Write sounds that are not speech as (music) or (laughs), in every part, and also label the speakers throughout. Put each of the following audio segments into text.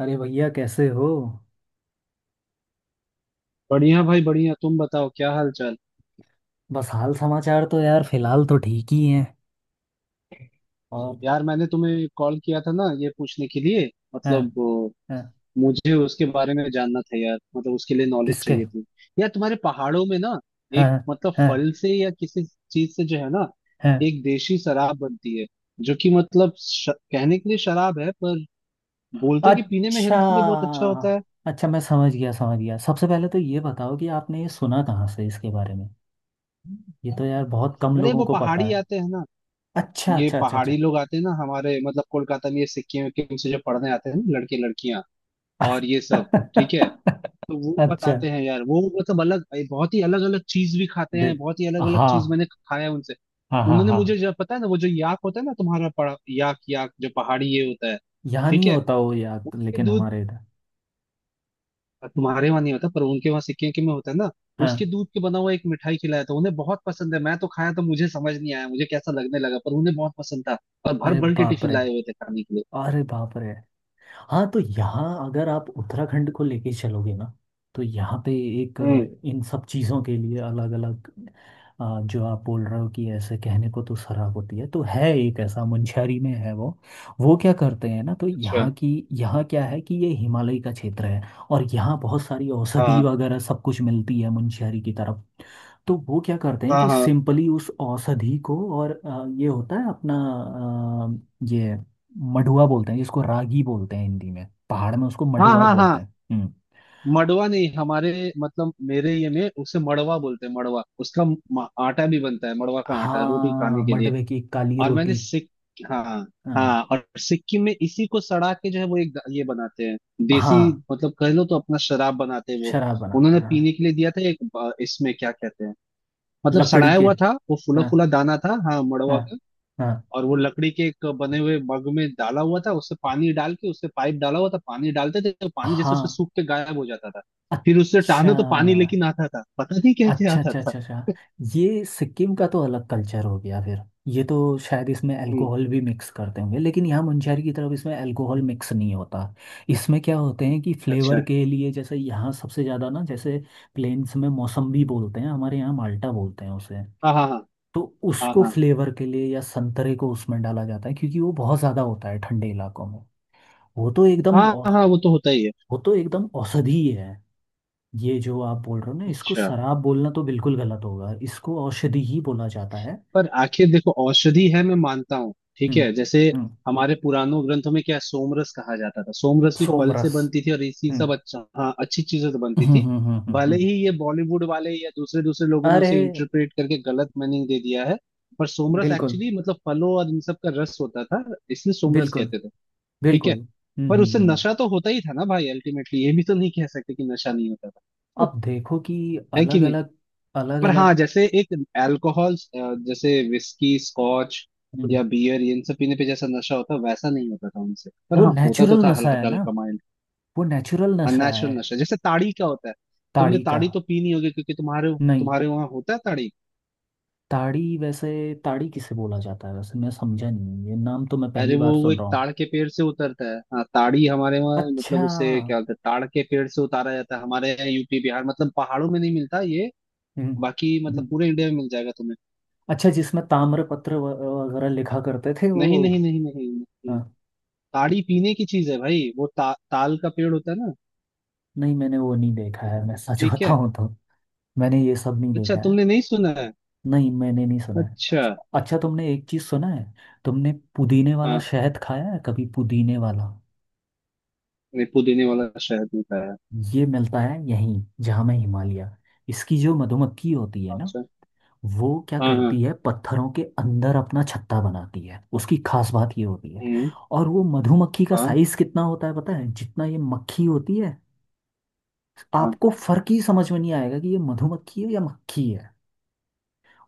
Speaker 1: अरे भैया कैसे हो।
Speaker 2: बढ़िया भाई बढ़िया। तुम बताओ क्या हाल चाल।
Speaker 1: बस हाल समाचार तो यार फिलहाल तो ठीक ही है। और
Speaker 2: यार मैंने तुम्हें कॉल किया था ना ये पूछने के लिए
Speaker 1: हाँ।
Speaker 2: मतलब
Speaker 1: हाँ
Speaker 2: मुझे उसके बारे में जानना था यार, मतलब उसके लिए नॉलेज
Speaker 1: किसके?
Speaker 2: चाहिए थी। यार तुम्हारे पहाड़ों में ना
Speaker 1: हाँ
Speaker 2: एक मतलब
Speaker 1: हाँ
Speaker 2: फल से या किसी चीज से जो है ना
Speaker 1: हाँ।
Speaker 2: एक देशी शराब बनती है, जो कि मतलब कहने के लिए शराब है पर बोलते कि पीने में
Speaker 1: अच्छा।
Speaker 2: हेल्थ के लिए बहुत अच्छा होता है।
Speaker 1: अच्छा मैं समझ गया, समझ गया। सबसे पहले तो ये बताओ कि आपने ये सुना कहाँ से इसके बारे में? ये तो यार बहुत कम
Speaker 2: अरे
Speaker 1: लोगों
Speaker 2: वो
Speaker 1: को पता
Speaker 2: पहाड़ी
Speaker 1: है।
Speaker 2: आते हैं ना,
Speaker 1: अच्छा
Speaker 2: ये
Speaker 1: अच्छा अच्छा अच्छा।
Speaker 2: पहाड़ी लोग आते हैं ना हमारे मतलब कोलकाता में, ये सिक्किम विक्किम से जो पढ़ने आते हैं ना लड़के लड़कियां, और ये सब ठीक है।
Speaker 1: (laughs)
Speaker 2: तो वो
Speaker 1: अच्छा
Speaker 2: बताते हैं यार, वो मतलब अलग, बहुत ही अलग अलग चीज भी खाते
Speaker 1: दे
Speaker 2: हैं, बहुत ही अलग अलग
Speaker 1: हाँ
Speaker 2: चीज मैंने खाया है उनसे।
Speaker 1: हाँ हाँ।
Speaker 2: उन्होंने
Speaker 1: हाँ
Speaker 2: मुझे जब पता है ना वो जो याक होता है ना तुम्हारा पड़ा, याक याक जो पहाड़ी ये होता है।
Speaker 1: यहाँ
Speaker 2: ठीक
Speaker 1: नहीं
Speaker 2: है।
Speaker 1: होता वो याद,
Speaker 2: उसके
Speaker 1: लेकिन
Speaker 2: दूध,
Speaker 1: हमारे इधर।
Speaker 2: तुम्हारे वहां नहीं होता पर उनके वहां सिक्किम के में होता है ना।
Speaker 1: हाँ,
Speaker 2: उसके दूध के बना हुआ एक मिठाई खिलाया था उन्हें, बहुत पसंद है। मैं तो खाया तो मुझे समझ नहीं आया, मुझे कैसा लगने लगा पर उन्हें बहुत पसंद था। और भर
Speaker 1: अरे
Speaker 2: भर के
Speaker 1: बाप
Speaker 2: टिफिन
Speaker 1: रे,
Speaker 2: लाए हुए थे खाने के लिए।
Speaker 1: अरे बाप रे। हाँ तो यहाँ अगर आप उत्तराखंड को लेके चलोगे ना, तो यहाँ पे एक
Speaker 2: हम्म।
Speaker 1: इन सब चीज़ों के लिए अलग अलग जो आप बोल रहे हो कि ऐसे कहने को तो शराब होती है, तो है एक ऐसा मुंशियारी में है वो। वो क्या करते हैं ना, तो
Speaker 2: अच्छा।
Speaker 1: यहाँ की, यहाँ क्या है कि ये हिमालय का क्षेत्र है और यहाँ बहुत सारी औषधि
Speaker 2: हाँ
Speaker 1: वगैरह सब कुछ मिलती है मुंशियारी की तरफ। तो वो क्या करते हैं
Speaker 2: हाँ
Speaker 1: कि
Speaker 2: हाँ।
Speaker 1: सिंपली उस औषधि को और ये होता है अपना ये मडुआ बोलते हैं जिसको रागी बोलते हैं हिंदी में, पहाड़ में उसको
Speaker 2: हाँ
Speaker 1: मडुआ
Speaker 2: हाँ
Speaker 1: बोलते
Speaker 2: हाँ।
Speaker 1: हैं। हम्म।
Speaker 2: मड़वा नहीं हमारे मतलब मेरे ये में उसे मड़वा बोलते हैं। मड़वा उसका आटा भी बनता है, मड़वा का आटा रोटी खाने
Speaker 1: हाँ,
Speaker 2: के लिए।
Speaker 1: मडवे की काली
Speaker 2: और मैंने
Speaker 1: रोटी।
Speaker 2: सिक हाँ
Speaker 1: हाँ
Speaker 2: हाँ। और सिक्किम में इसी को सड़ा के जो है वो एक ये बनाते हैं, देसी,
Speaker 1: हाँ,
Speaker 2: मतलब कह लो तो अपना शराब बनाते हैं वो।
Speaker 1: शराब बनाते
Speaker 2: उन्होंने
Speaker 1: हैं हाँ।
Speaker 2: पीने के लिए दिया था एक इसमें क्या कहते हैं, मतलब
Speaker 1: लकड़ी
Speaker 2: सड़ाया
Speaker 1: के।
Speaker 2: हुआ था वो, फूला
Speaker 1: हाँ
Speaker 2: फूला दाना था हाँ
Speaker 1: हाँ
Speaker 2: मड़वा।
Speaker 1: हाँ
Speaker 2: और वो लकड़ी के एक बने हुए मग में डाला हुआ था, उससे पानी डाल के उससे पाइप डाला हुआ था, पानी डालते थे तो पानी जैसे उससे
Speaker 1: हाँ।
Speaker 2: सूख के गायब हो जाता था। फिर उससे
Speaker 1: अच्छा
Speaker 2: टहने तो पानी लेकिन आता था, पता नहीं कैसे
Speaker 1: अच्छा
Speaker 2: आता
Speaker 1: अच्छा
Speaker 2: था।
Speaker 1: अच्छा। अच्छा, ये सिक्किम का तो अलग कल्चर हो गया फिर। ये तो शायद इसमें
Speaker 2: हम्म।
Speaker 1: अल्कोहल भी मिक्स करते होंगे, लेकिन यहाँ मुंशहरी की तरफ इसमें अल्कोहल मिक्स नहीं होता। इसमें क्या होते हैं कि
Speaker 2: अच्छा।
Speaker 1: फ्लेवर के लिए, जैसे यहाँ सबसे ज़्यादा ना, जैसे प्लेन्स में मौसम्बी बोलते हैं, हमारे यहाँ माल्टा बोलते हैं उसे।
Speaker 2: हाँ हाँ
Speaker 1: तो
Speaker 2: हाँ।
Speaker 1: उसको
Speaker 2: हाँ
Speaker 1: फ्लेवर के लिए या संतरे को उसमें डाला जाता है, क्योंकि वो बहुत ज़्यादा होता है ठंडे इलाकों में। वो तो एकदम
Speaker 2: हाँ।
Speaker 1: औ-
Speaker 2: हाँ हाँ वो तो होता ही है।
Speaker 1: वो तो एकदम औषधि है। ये जो आप बोल रहे हो ना, इसको
Speaker 2: अच्छा।
Speaker 1: शराब बोलना तो बिल्कुल गलत होगा, इसको औषधि ही बोला जाता है।
Speaker 2: पर आखिर देखो औषधि है मैं मानता हूँ, ठीक
Speaker 1: हम्म।
Speaker 2: है, जैसे
Speaker 1: हम्म
Speaker 2: हमारे पुरानों ग्रंथों में क्या है, सोमरस कहा जाता था। सोमरस भी फल से
Speaker 1: सोमरस।
Speaker 2: बनती थी और इसी
Speaker 1: हम्म
Speaker 2: सब, अच्छा हाँ, अच्छी चीजों से बनती
Speaker 1: हम्म
Speaker 2: थी।
Speaker 1: हम्म हम्म हम्म,
Speaker 2: भले
Speaker 1: हम्म।
Speaker 2: ही ये बॉलीवुड वाले या दूसरे दूसरे लोगों ने
Speaker 1: अरे,
Speaker 2: उसे इंटरप्रेट करके गलत मीनिंग दे दिया है पर सोमरस
Speaker 1: बिल्कुल,
Speaker 2: एक्चुअली मतलब फलों और इन सब का रस होता था, इसलिए सोमरस
Speaker 1: बिल्कुल,
Speaker 2: कहते थे। ठीक
Speaker 1: बिल्कुल।
Speaker 2: है।
Speaker 1: हम्म
Speaker 2: पर
Speaker 1: हम्म
Speaker 2: उससे
Speaker 1: हम्म।
Speaker 2: नशा तो होता ही था ना भाई, अल्टीमेटली ये भी तो नहीं कह सकते कि नशा नहीं होता था,
Speaker 1: अब देखो कि
Speaker 2: है कि
Speaker 1: अलग
Speaker 2: नहीं।
Speaker 1: अलग, अलग
Speaker 2: पर हाँ
Speaker 1: अलग।
Speaker 2: जैसे एक अल्कोहल, जैसे विस्की स्कॉच या बियर, ये इन सब पीने पे जैसा नशा होता है वैसा नहीं होता था उनसे, पर
Speaker 1: वो
Speaker 2: हाँ होता तो
Speaker 1: नेचुरल
Speaker 2: था
Speaker 1: नशा है
Speaker 2: हल्का
Speaker 1: ना,
Speaker 2: हल्का माइंड।
Speaker 1: वो नेचुरल नशा
Speaker 2: अननेचुरल
Speaker 1: है।
Speaker 2: नशा जैसे ताड़ी क्या होता है, तुमने
Speaker 1: ताड़ी का?
Speaker 2: ताड़ी तो पी नहीं होगी क्योंकि तुम्हारे
Speaker 1: नहीं।
Speaker 2: तुम्हारे वहां होता है ताड़ी।
Speaker 1: ताड़ी वैसे, ताड़ी किसे बोला जाता है वैसे मैं समझा नहीं, ये नाम तो मैं
Speaker 2: अरे
Speaker 1: पहली
Speaker 2: वो
Speaker 1: बार
Speaker 2: वो
Speaker 1: सुन
Speaker 2: एक
Speaker 1: रहा हूँ।
Speaker 2: ताड़ के पेड़ से उतरता है, हाँ ताड़ी हमारे वहाँ
Speaker 1: अच्छा।
Speaker 2: मतलब उसे क्या बोलते हैं, ताड़ के पेड़ से उतारा जाता है हमारे यहाँ यूपी बिहार, मतलब पहाड़ों में नहीं मिलता ये। बाकी मतलब
Speaker 1: हम्म।
Speaker 2: पूरे इंडिया में मिल जाएगा तुम्हें।
Speaker 1: अच्छा, जिसमें ताम्रपत्र वगैरह लिखा करते थे वो?
Speaker 2: नहीं नहीं नहीं नहीं, नहीं।
Speaker 1: हाँ,
Speaker 2: ताड़ी पीने की चीज है भाई, वो ताल का पेड़ होता है ना।
Speaker 1: नहीं मैंने वो नहीं देखा है, मैं सच
Speaker 2: ठीक है।
Speaker 1: बताऊं तो। मैंने ये सब नहीं
Speaker 2: अच्छा
Speaker 1: देखा है।
Speaker 2: तुमने नहीं सुना है?
Speaker 1: नहीं, मैंने नहीं सुना है।
Speaker 2: अच्छा
Speaker 1: अच्छा अच्छा, तुमने एक चीज सुना है, तुमने पुदीने वाला
Speaker 2: हाँ।
Speaker 1: शहद खाया है कभी, पुदीने वाला?
Speaker 2: नहीं पुदीने वाला शहद नहीं खाया।
Speaker 1: ये मिलता है यहीं जहाँ मैं, हिमालय। इसकी जो मधुमक्खी होती है ना,
Speaker 2: अच्छा।
Speaker 1: वो क्या
Speaker 2: हाँ हाँ।
Speaker 1: करती है, पत्थरों के अंदर अपना छत्ता बनाती है। उसकी खास बात ये होती है,
Speaker 2: हम्म।
Speaker 1: और वो मधुमक्खी का
Speaker 2: हाँ
Speaker 1: साइज कितना होता है पता है, जितना ये मक्खी होती है।
Speaker 2: हाँ
Speaker 1: आपको फर्क ही समझ में नहीं आएगा कि ये मधुमक्खी है या मक्खी है,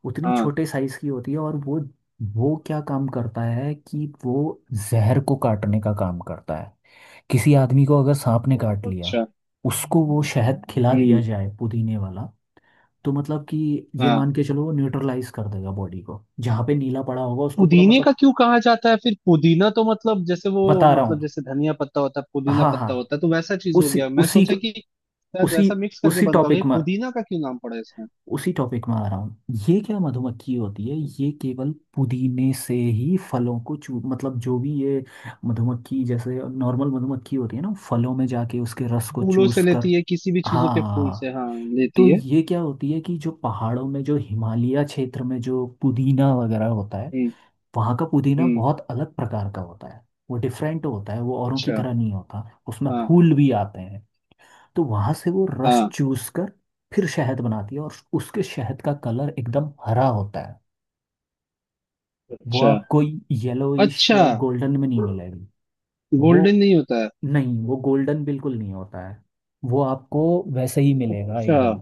Speaker 1: उतनी
Speaker 2: हाँ।
Speaker 1: छोटे साइज की होती है। और वो क्या काम करता है कि वो जहर को काटने का काम करता है। किसी आदमी को अगर सांप ने काट लिया,
Speaker 2: अच्छा।
Speaker 1: उसको वो शहद खिला दिया
Speaker 2: हम्म।
Speaker 1: जाए पुदीने वाला, तो मतलब कि ये
Speaker 2: हाँ।
Speaker 1: मान के चलो वो न्यूट्रलाइज कर देगा बॉडी को, जहाँ पे नीला पड़ा होगा उसको पूरा
Speaker 2: पुदीने का
Speaker 1: मतलब।
Speaker 2: क्यों कहा जाता है फिर? पुदीना तो मतलब जैसे वो,
Speaker 1: बता रहा
Speaker 2: मतलब
Speaker 1: हूँ।
Speaker 2: जैसे धनिया पत्ता होता है पुदीना
Speaker 1: हाँ हाँ,
Speaker 2: पत्ता होता है, तो वैसा चीज हो
Speaker 1: उसी
Speaker 2: गया, मैं
Speaker 1: उसी
Speaker 2: सोचा कि शायद
Speaker 1: उसी
Speaker 2: वैसा मिक्स करके
Speaker 1: उसी
Speaker 2: बनता होगा। ये
Speaker 1: टॉपिक में,
Speaker 2: पुदीना का क्यों नाम पड़ा है इसमें?
Speaker 1: उसी टॉपिक में आ रहा हूँ। ये क्या मधुमक्खी होती है, ये केवल पुदीने से ही फलों को चू, मतलब जो भी ये मधुमक्खी, जैसे नॉर्मल मधुमक्खी होती है ना फलों में जाके उसके रस को
Speaker 2: फूलों से
Speaker 1: चूस कर।
Speaker 2: लेती है किसी भी चीजों के फूल से
Speaker 1: हाँ,
Speaker 2: हाँ,
Speaker 1: तो
Speaker 2: लेती है।
Speaker 1: ये क्या होती है कि जो पहाड़ों में, जो हिमालय क्षेत्र में जो पुदीना वगैरह होता है,
Speaker 2: हम्म।
Speaker 1: वहाँ का पुदीना
Speaker 2: हम्म।
Speaker 1: बहुत अलग प्रकार का होता है। वो डिफरेंट होता है, वो औरों की
Speaker 2: अच्छा।
Speaker 1: तरह नहीं होता। उसमें
Speaker 2: हाँ
Speaker 1: फूल भी आते हैं, तो वहां से वो रस
Speaker 2: हाँ।
Speaker 1: चूस कर फिर शहद बनाती है, और उसके शहद का कलर एकदम हरा होता है। वो
Speaker 2: अच्छा
Speaker 1: आपको येलोइश
Speaker 2: अच्छा।
Speaker 1: या गोल्डन में नहीं मिलेगी। वो
Speaker 2: गोल्डन नहीं होता है।
Speaker 1: नहीं, वो गोल्डन बिल्कुल नहीं होता है। वो आपको वैसे ही मिलेगा
Speaker 2: अच्छा।
Speaker 1: एकदम।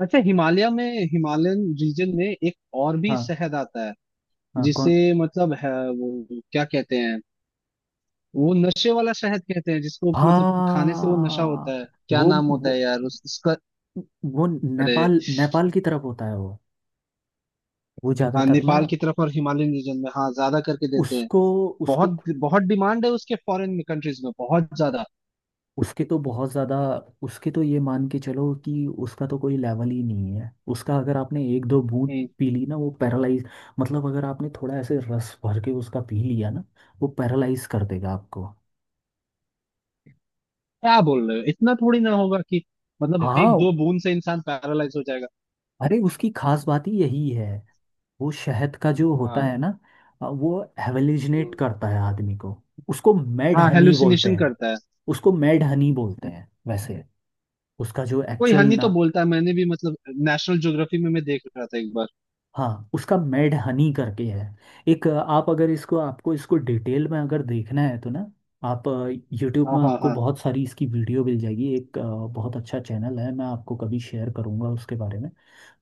Speaker 2: अच्छा हिमालय में हिमालयन रीजन में एक और भी
Speaker 1: हाँ।
Speaker 2: शहद आता है,
Speaker 1: हाँ
Speaker 2: जिसे
Speaker 1: कौन?
Speaker 2: मतलब है, वो क्या कहते हैं, वो नशे वाला शहद कहते हैं जिसको मतलब खाने से वो नशा होता
Speaker 1: हाँ
Speaker 2: है। क्या
Speaker 1: वो
Speaker 2: नाम होता है
Speaker 1: वो
Speaker 2: यार उसका?
Speaker 1: वो
Speaker 2: अरे
Speaker 1: नेपाल, नेपाल की तरफ होता है वो। वो
Speaker 2: हाँ,
Speaker 1: ज्यादातर ना
Speaker 2: नेपाल की
Speaker 1: आपको,
Speaker 2: तरफ और हिमालयन रीजन में हाँ ज्यादा करके देते हैं।
Speaker 1: उसको उसको
Speaker 2: बहुत बहुत डिमांड है उसके फॉरेन में कंट्रीज में बहुत ज्यादा।
Speaker 1: उसके तो बहुत ज़्यादा, उसके तो ये मान के चलो कि उसका तो कोई लेवल ही नहीं है। उसका अगर आपने एक दो बूंद
Speaker 2: हम्म।
Speaker 1: पी ली ना, वो पैरालाइज, मतलब अगर आपने थोड़ा ऐसे रस भर के उसका पी लिया ना, वो पैरालाइज कर देगा आपको।
Speaker 2: क्या बोल रहे हो, इतना थोड़ी ना होगा कि मतलब एक
Speaker 1: हाँ,
Speaker 2: दो बूंद से इंसान पैरालाइज हो जाएगा।
Speaker 1: अरे उसकी खास बात ही यही है। वो शहद का जो होता है ना, वो हेलुसिनेट
Speaker 2: हाँ
Speaker 1: करता है आदमी को। उसको मेड
Speaker 2: हाँ
Speaker 1: हनी बोलते
Speaker 2: हेलुसिनेशन
Speaker 1: हैं।
Speaker 2: करता है।
Speaker 1: उसको मेड हनी बोलते हैं वैसे। उसका जो
Speaker 2: कोई
Speaker 1: एक्चुअल
Speaker 2: हनी
Speaker 1: ना,
Speaker 2: तो बोलता है मैंने भी, मतलब नेशनल ज्योग्राफी में मैं देख रहा था एक बार।
Speaker 1: हाँ उसका मेड हनी करके है। एक आप अगर इसको, आपको इसको डिटेल में अगर देखना है तो ना, आप यूट्यूब
Speaker 2: हाँ
Speaker 1: में
Speaker 2: हाँ
Speaker 1: आपको
Speaker 2: हाँ।
Speaker 1: बहुत सारी इसकी वीडियो मिल जाएगी। एक बहुत अच्छा चैनल है, मैं आपको कभी शेयर करूँगा उसके बारे में।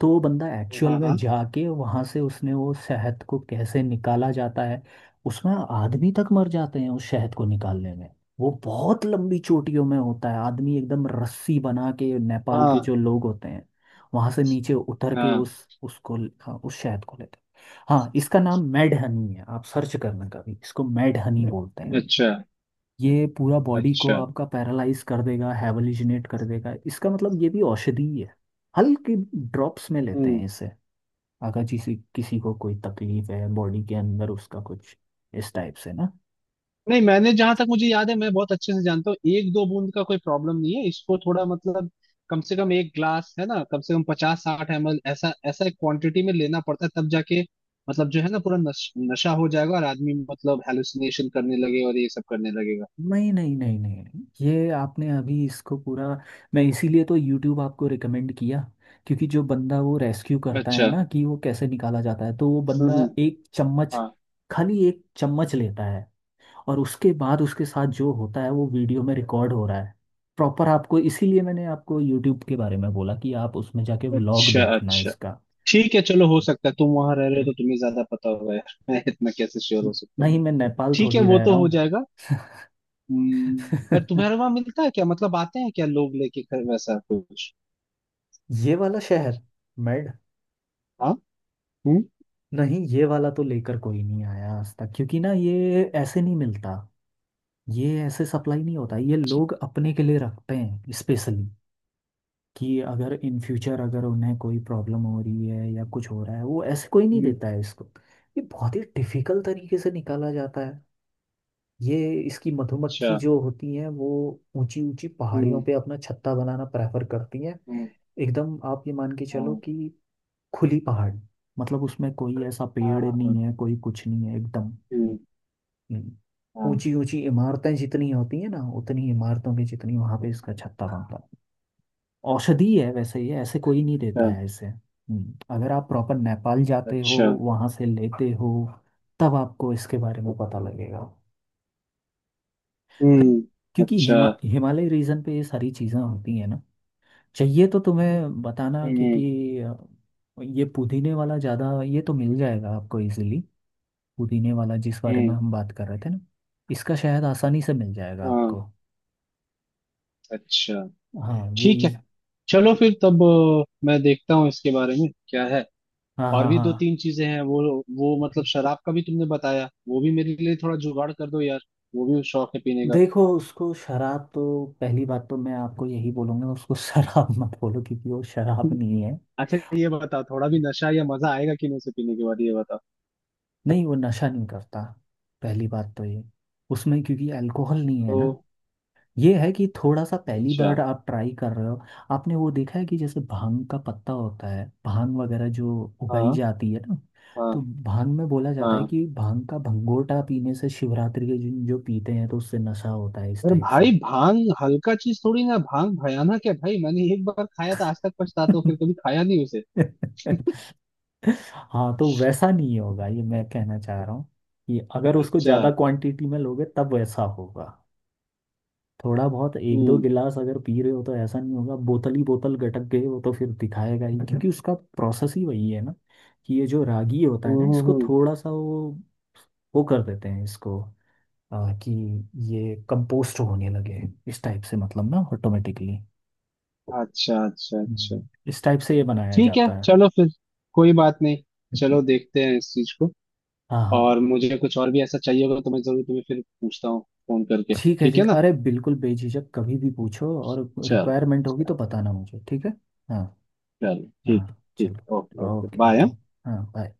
Speaker 1: तो वो बंदा एक्चुअल
Speaker 2: हाँ
Speaker 1: में
Speaker 2: हाँ
Speaker 1: जाके वहाँ से उसने वो शहद को कैसे निकाला जाता है, उसमें आदमी तक मर जाते हैं उस शहद को निकालने में। वो बहुत लंबी चोटियों में होता है, आदमी एकदम रस्सी बना के, नेपाल के
Speaker 2: हाँ।
Speaker 1: जो लोग होते हैं वहां से नीचे उतर के
Speaker 2: हाँ।
Speaker 1: उस, उसको, हाँ, उस शहद को लेते हैं। हाँ इसका नाम मेड हनी है, आप सर्च करना कभी, इसको मेड हनी बोलते हैं।
Speaker 2: अच्छा
Speaker 1: ये पूरा बॉडी को
Speaker 2: अच्छा।
Speaker 1: आपका पैरालाइज कर देगा, हैवलिजिनेट कर देगा। इसका मतलब ये भी औषधि ही है। हल्की ड्रॉप्स में लेते हैं
Speaker 2: हम्म।
Speaker 1: इसे, अगर किसी किसी को कोई तकलीफ है बॉडी के अंदर उसका कुछ, इस टाइप से ना।
Speaker 2: नहीं मैंने जहां तक मुझे याद है मैं बहुत अच्छे से जानता हूँ, एक दो बूंद का कोई प्रॉब्लम नहीं है, इसको थोड़ा मतलब कम से कम एक ग्लास है ना, कम से कम 50 60 ML ऐसा ऐसा एक क्वांटिटी में लेना पड़ता है तब जाके मतलब जो है ना पूरा नशा हो जाएगा और आदमी मतलब हेलुसिनेशन करने लगेगा और ये सब करने लगेगा।
Speaker 1: नहीं नहीं नहीं नहीं, ये आपने अभी इसको पूरा, मैं इसीलिए तो YouTube आपको रिकमेंड किया, क्योंकि जो बंदा वो रेस्क्यू करता है
Speaker 2: अच्छा।
Speaker 1: ना कि वो कैसे निकाला जाता है, तो वो
Speaker 2: हम्म
Speaker 1: बंदा
Speaker 2: हम्म,
Speaker 1: एक चम्मच,
Speaker 2: हाँ।
Speaker 1: खाली एक चम्मच लेता है, और उसके बाद उसके साथ जो होता है वो वीडियो में रिकॉर्ड हो रहा है प्रॉपर। आपको इसीलिए मैंने आपको यूट्यूब के बारे में बोला कि आप उसमें जाके व्लॉग
Speaker 2: अच्छा
Speaker 1: देखना है
Speaker 2: अच्छा।
Speaker 1: इसका।
Speaker 2: ठीक है चलो, हो सकता है तुम वहां रह रहे हो तो तुम्हें ज्यादा पता होगा यार, मैं इतना कैसे श्योर हो सकता हूँ।
Speaker 1: नहीं, मैं नेपाल
Speaker 2: ठीक है
Speaker 1: थोड़ी
Speaker 2: वो
Speaker 1: रह रहा
Speaker 2: तो हो
Speaker 1: हूँ।
Speaker 2: जाएगा। पर तुम्हारे वहां मिलता है क्या, मतलब आते हैं क्या लोग लेके घर वैसा कुछ?
Speaker 1: (laughs) ये वाला शहर, मेड,
Speaker 2: हाँ। हम्म।
Speaker 1: नहीं ये वाला तो लेकर कोई नहीं आया आज तक, क्योंकि ना ये ऐसे नहीं मिलता। ये ऐसे सप्लाई नहीं होता, ये लोग अपने के लिए रखते हैं स्पेशली, कि अगर इन फ्यूचर अगर उन्हें कोई प्रॉब्लम हो रही है या कुछ हो रहा है। वो ऐसे कोई नहीं
Speaker 2: हम्म,
Speaker 1: देता है इसको, ये बहुत ही डिफिकल्ट तरीके से निकाला जाता है। ये, इसकी मधुमक्खी
Speaker 2: अच्छा।
Speaker 1: जो होती है वो ऊंची ऊंची पहाड़ियों
Speaker 2: हम्म।
Speaker 1: पे अपना छत्ता बनाना प्रेफर करती है।
Speaker 2: हम्म
Speaker 1: एकदम आप ये मान के चलो
Speaker 2: हम्म,
Speaker 1: कि खुली पहाड़, मतलब उसमें कोई ऐसा
Speaker 2: हाँ हाँ,
Speaker 1: पेड़
Speaker 2: हाँ,
Speaker 1: नहीं है, कोई कुछ नहीं है एकदम।
Speaker 2: हम्म,
Speaker 1: हम्म,
Speaker 2: हाँ,
Speaker 1: ऊंची ऊंची इमारतें जितनी होती है ना, उतनी इमारतों की जितनी वहां पे इसका छत्ता बनता है। औषधि है वैसे, ये ऐसे कोई नहीं देता है इसे। अगर आप प्रॉपर नेपाल
Speaker 2: अच्छा
Speaker 1: जाते हो,
Speaker 2: अच्छा।
Speaker 1: वहां से लेते हो, तब आपको इसके बारे में पता लगेगा।
Speaker 2: हम्म।
Speaker 1: क्योंकि
Speaker 2: अच्छा।
Speaker 1: हिमालय रीजन पे ये सारी चीज़ें होती हैं ना। चाहिए तो तुम्हें बताना,
Speaker 2: हम्म।
Speaker 1: क्योंकि ये पुदीने वाला ज़्यादा, ये तो मिल जाएगा आपको इजीली। पुदीने वाला जिस बारे में
Speaker 2: हम्म।
Speaker 1: हम बात कर रहे थे ना, इसका शायद आसानी से मिल जाएगा
Speaker 2: हाँ।
Speaker 1: आपको।
Speaker 2: अच्छा।
Speaker 1: हाँ
Speaker 2: ठीक है
Speaker 1: यही।
Speaker 2: चलो फिर, तब मैं देखता हूँ इसके बारे में क्या है।
Speaker 1: हाँ
Speaker 2: और
Speaker 1: हाँ
Speaker 2: भी दो
Speaker 1: हाँ।
Speaker 2: तीन चीजें हैं, वो मतलब शराब का भी तुमने बताया वो भी मेरे लिए थोड़ा जुगाड़ कर दो यार। वो भी शौक है पीने का।
Speaker 1: देखो उसको शराब तो, पहली बात तो मैं आपको यही बोलूंगा उसको (laughs) शराब मत बोलो, क्योंकि वो शराब
Speaker 2: (laughs)
Speaker 1: नहीं है।
Speaker 2: अच्छा ये बताओ थोड़ा भी नशा या मजा आएगा कि नहीं उसे पीने के बाद, ये बताओ।
Speaker 1: नहीं, वो नशा नहीं करता। पहली बात तो ये, उसमें क्योंकि अल्कोहल नहीं है ना।
Speaker 2: तो,
Speaker 1: ये है कि थोड़ा सा पहली
Speaker 2: अच्छा।
Speaker 1: बार आप ट्राई कर रहे हो, आपने वो देखा है कि जैसे भांग का पत्ता होता है, भांग वगैरह जो उगाई
Speaker 2: हाँ
Speaker 1: जाती है ना, तो
Speaker 2: हाँ
Speaker 1: भांग में बोला जाता है
Speaker 2: हाँ।
Speaker 1: कि भांग का भंगोटा पीने से, शिवरात्रि के दिन जो पीते हैं, तो उससे नशा होता है इस
Speaker 2: अरे
Speaker 1: टाइप से।
Speaker 2: भाई भांग हल्का चीज थोड़ी ना, भांग भयानक है भाई, मैंने एक बार खाया था आज तक पछताता हूँ, फिर कभी
Speaker 1: (laughs)
Speaker 2: खाया नहीं उसे।
Speaker 1: (laughs) हाँ तो वैसा नहीं होगा, ये मैं कहना चाह रहा हूँ कि अगर उसको
Speaker 2: अच्छा।
Speaker 1: ज़्यादा क्वांटिटी में लोगे तब वैसा होगा। थोड़ा बहुत एक दो
Speaker 2: हम्म
Speaker 1: गिलास अगर पी रहे हो तो ऐसा नहीं होगा। बोतल ही बोतल गटक गए हो तो फिर दिखाएगा ही, क्योंकि उसका प्रोसेस ही वही है ना, कि ये जो रागी होता है ना,
Speaker 2: हम्म हम्म,
Speaker 1: इसको
Speaker 2: हम्म।
Speaker 1: थोड़ा सा वो कर देते हैं इसको, कि ये कंपोस्ट होने लगे, इस टाइप से मतलब ना, ऑटोमेटिकली
Speaker 2: अच्छा अच्छा अच्छा।
Speaker 1: इस टाइप से ये बनाया
Speaker 2: ठीक है
Speaker 1: जाता है।
Speaker 2: चलो फिर, कोई बात नहीं। चलो
Speaker 1: (laughs)
Speaker 2: देखते हैं इस चीज को।
Speaker 1: हाँ हाँ।
Speaker 2: और मुझे कुछ और भी ऐसा चाहिए होगा तो मैं जरूर तुम्हें फिर पूछता हूँ, फोन करके।
Speaker 1: ठीक है
Speaker 2: ठीक
Speaker 1: ठीक
Speaker 2: है
Speaker 1: है।
Speaker 2: ना।
Speaker 1: अरे बिल्कुल, बेझिझक कभी भी पूछो, और
Speaker 2: चल।
Speaker 1: रिक्वायरमेंट होगी
Speaker 2: चल।
Speaker 1: तो बताना मुझे ठीक है। हाँ
Speaker 2: चल,
Speaker 1: हाँ,
Speaker 2: ठीक। ठीक ओके
Speaker 1: चलो
Speaker 2: ओके
Speaker 1: ओके
Speaker 2: बाय।
Speaker 1: ओके। हाँ बाय।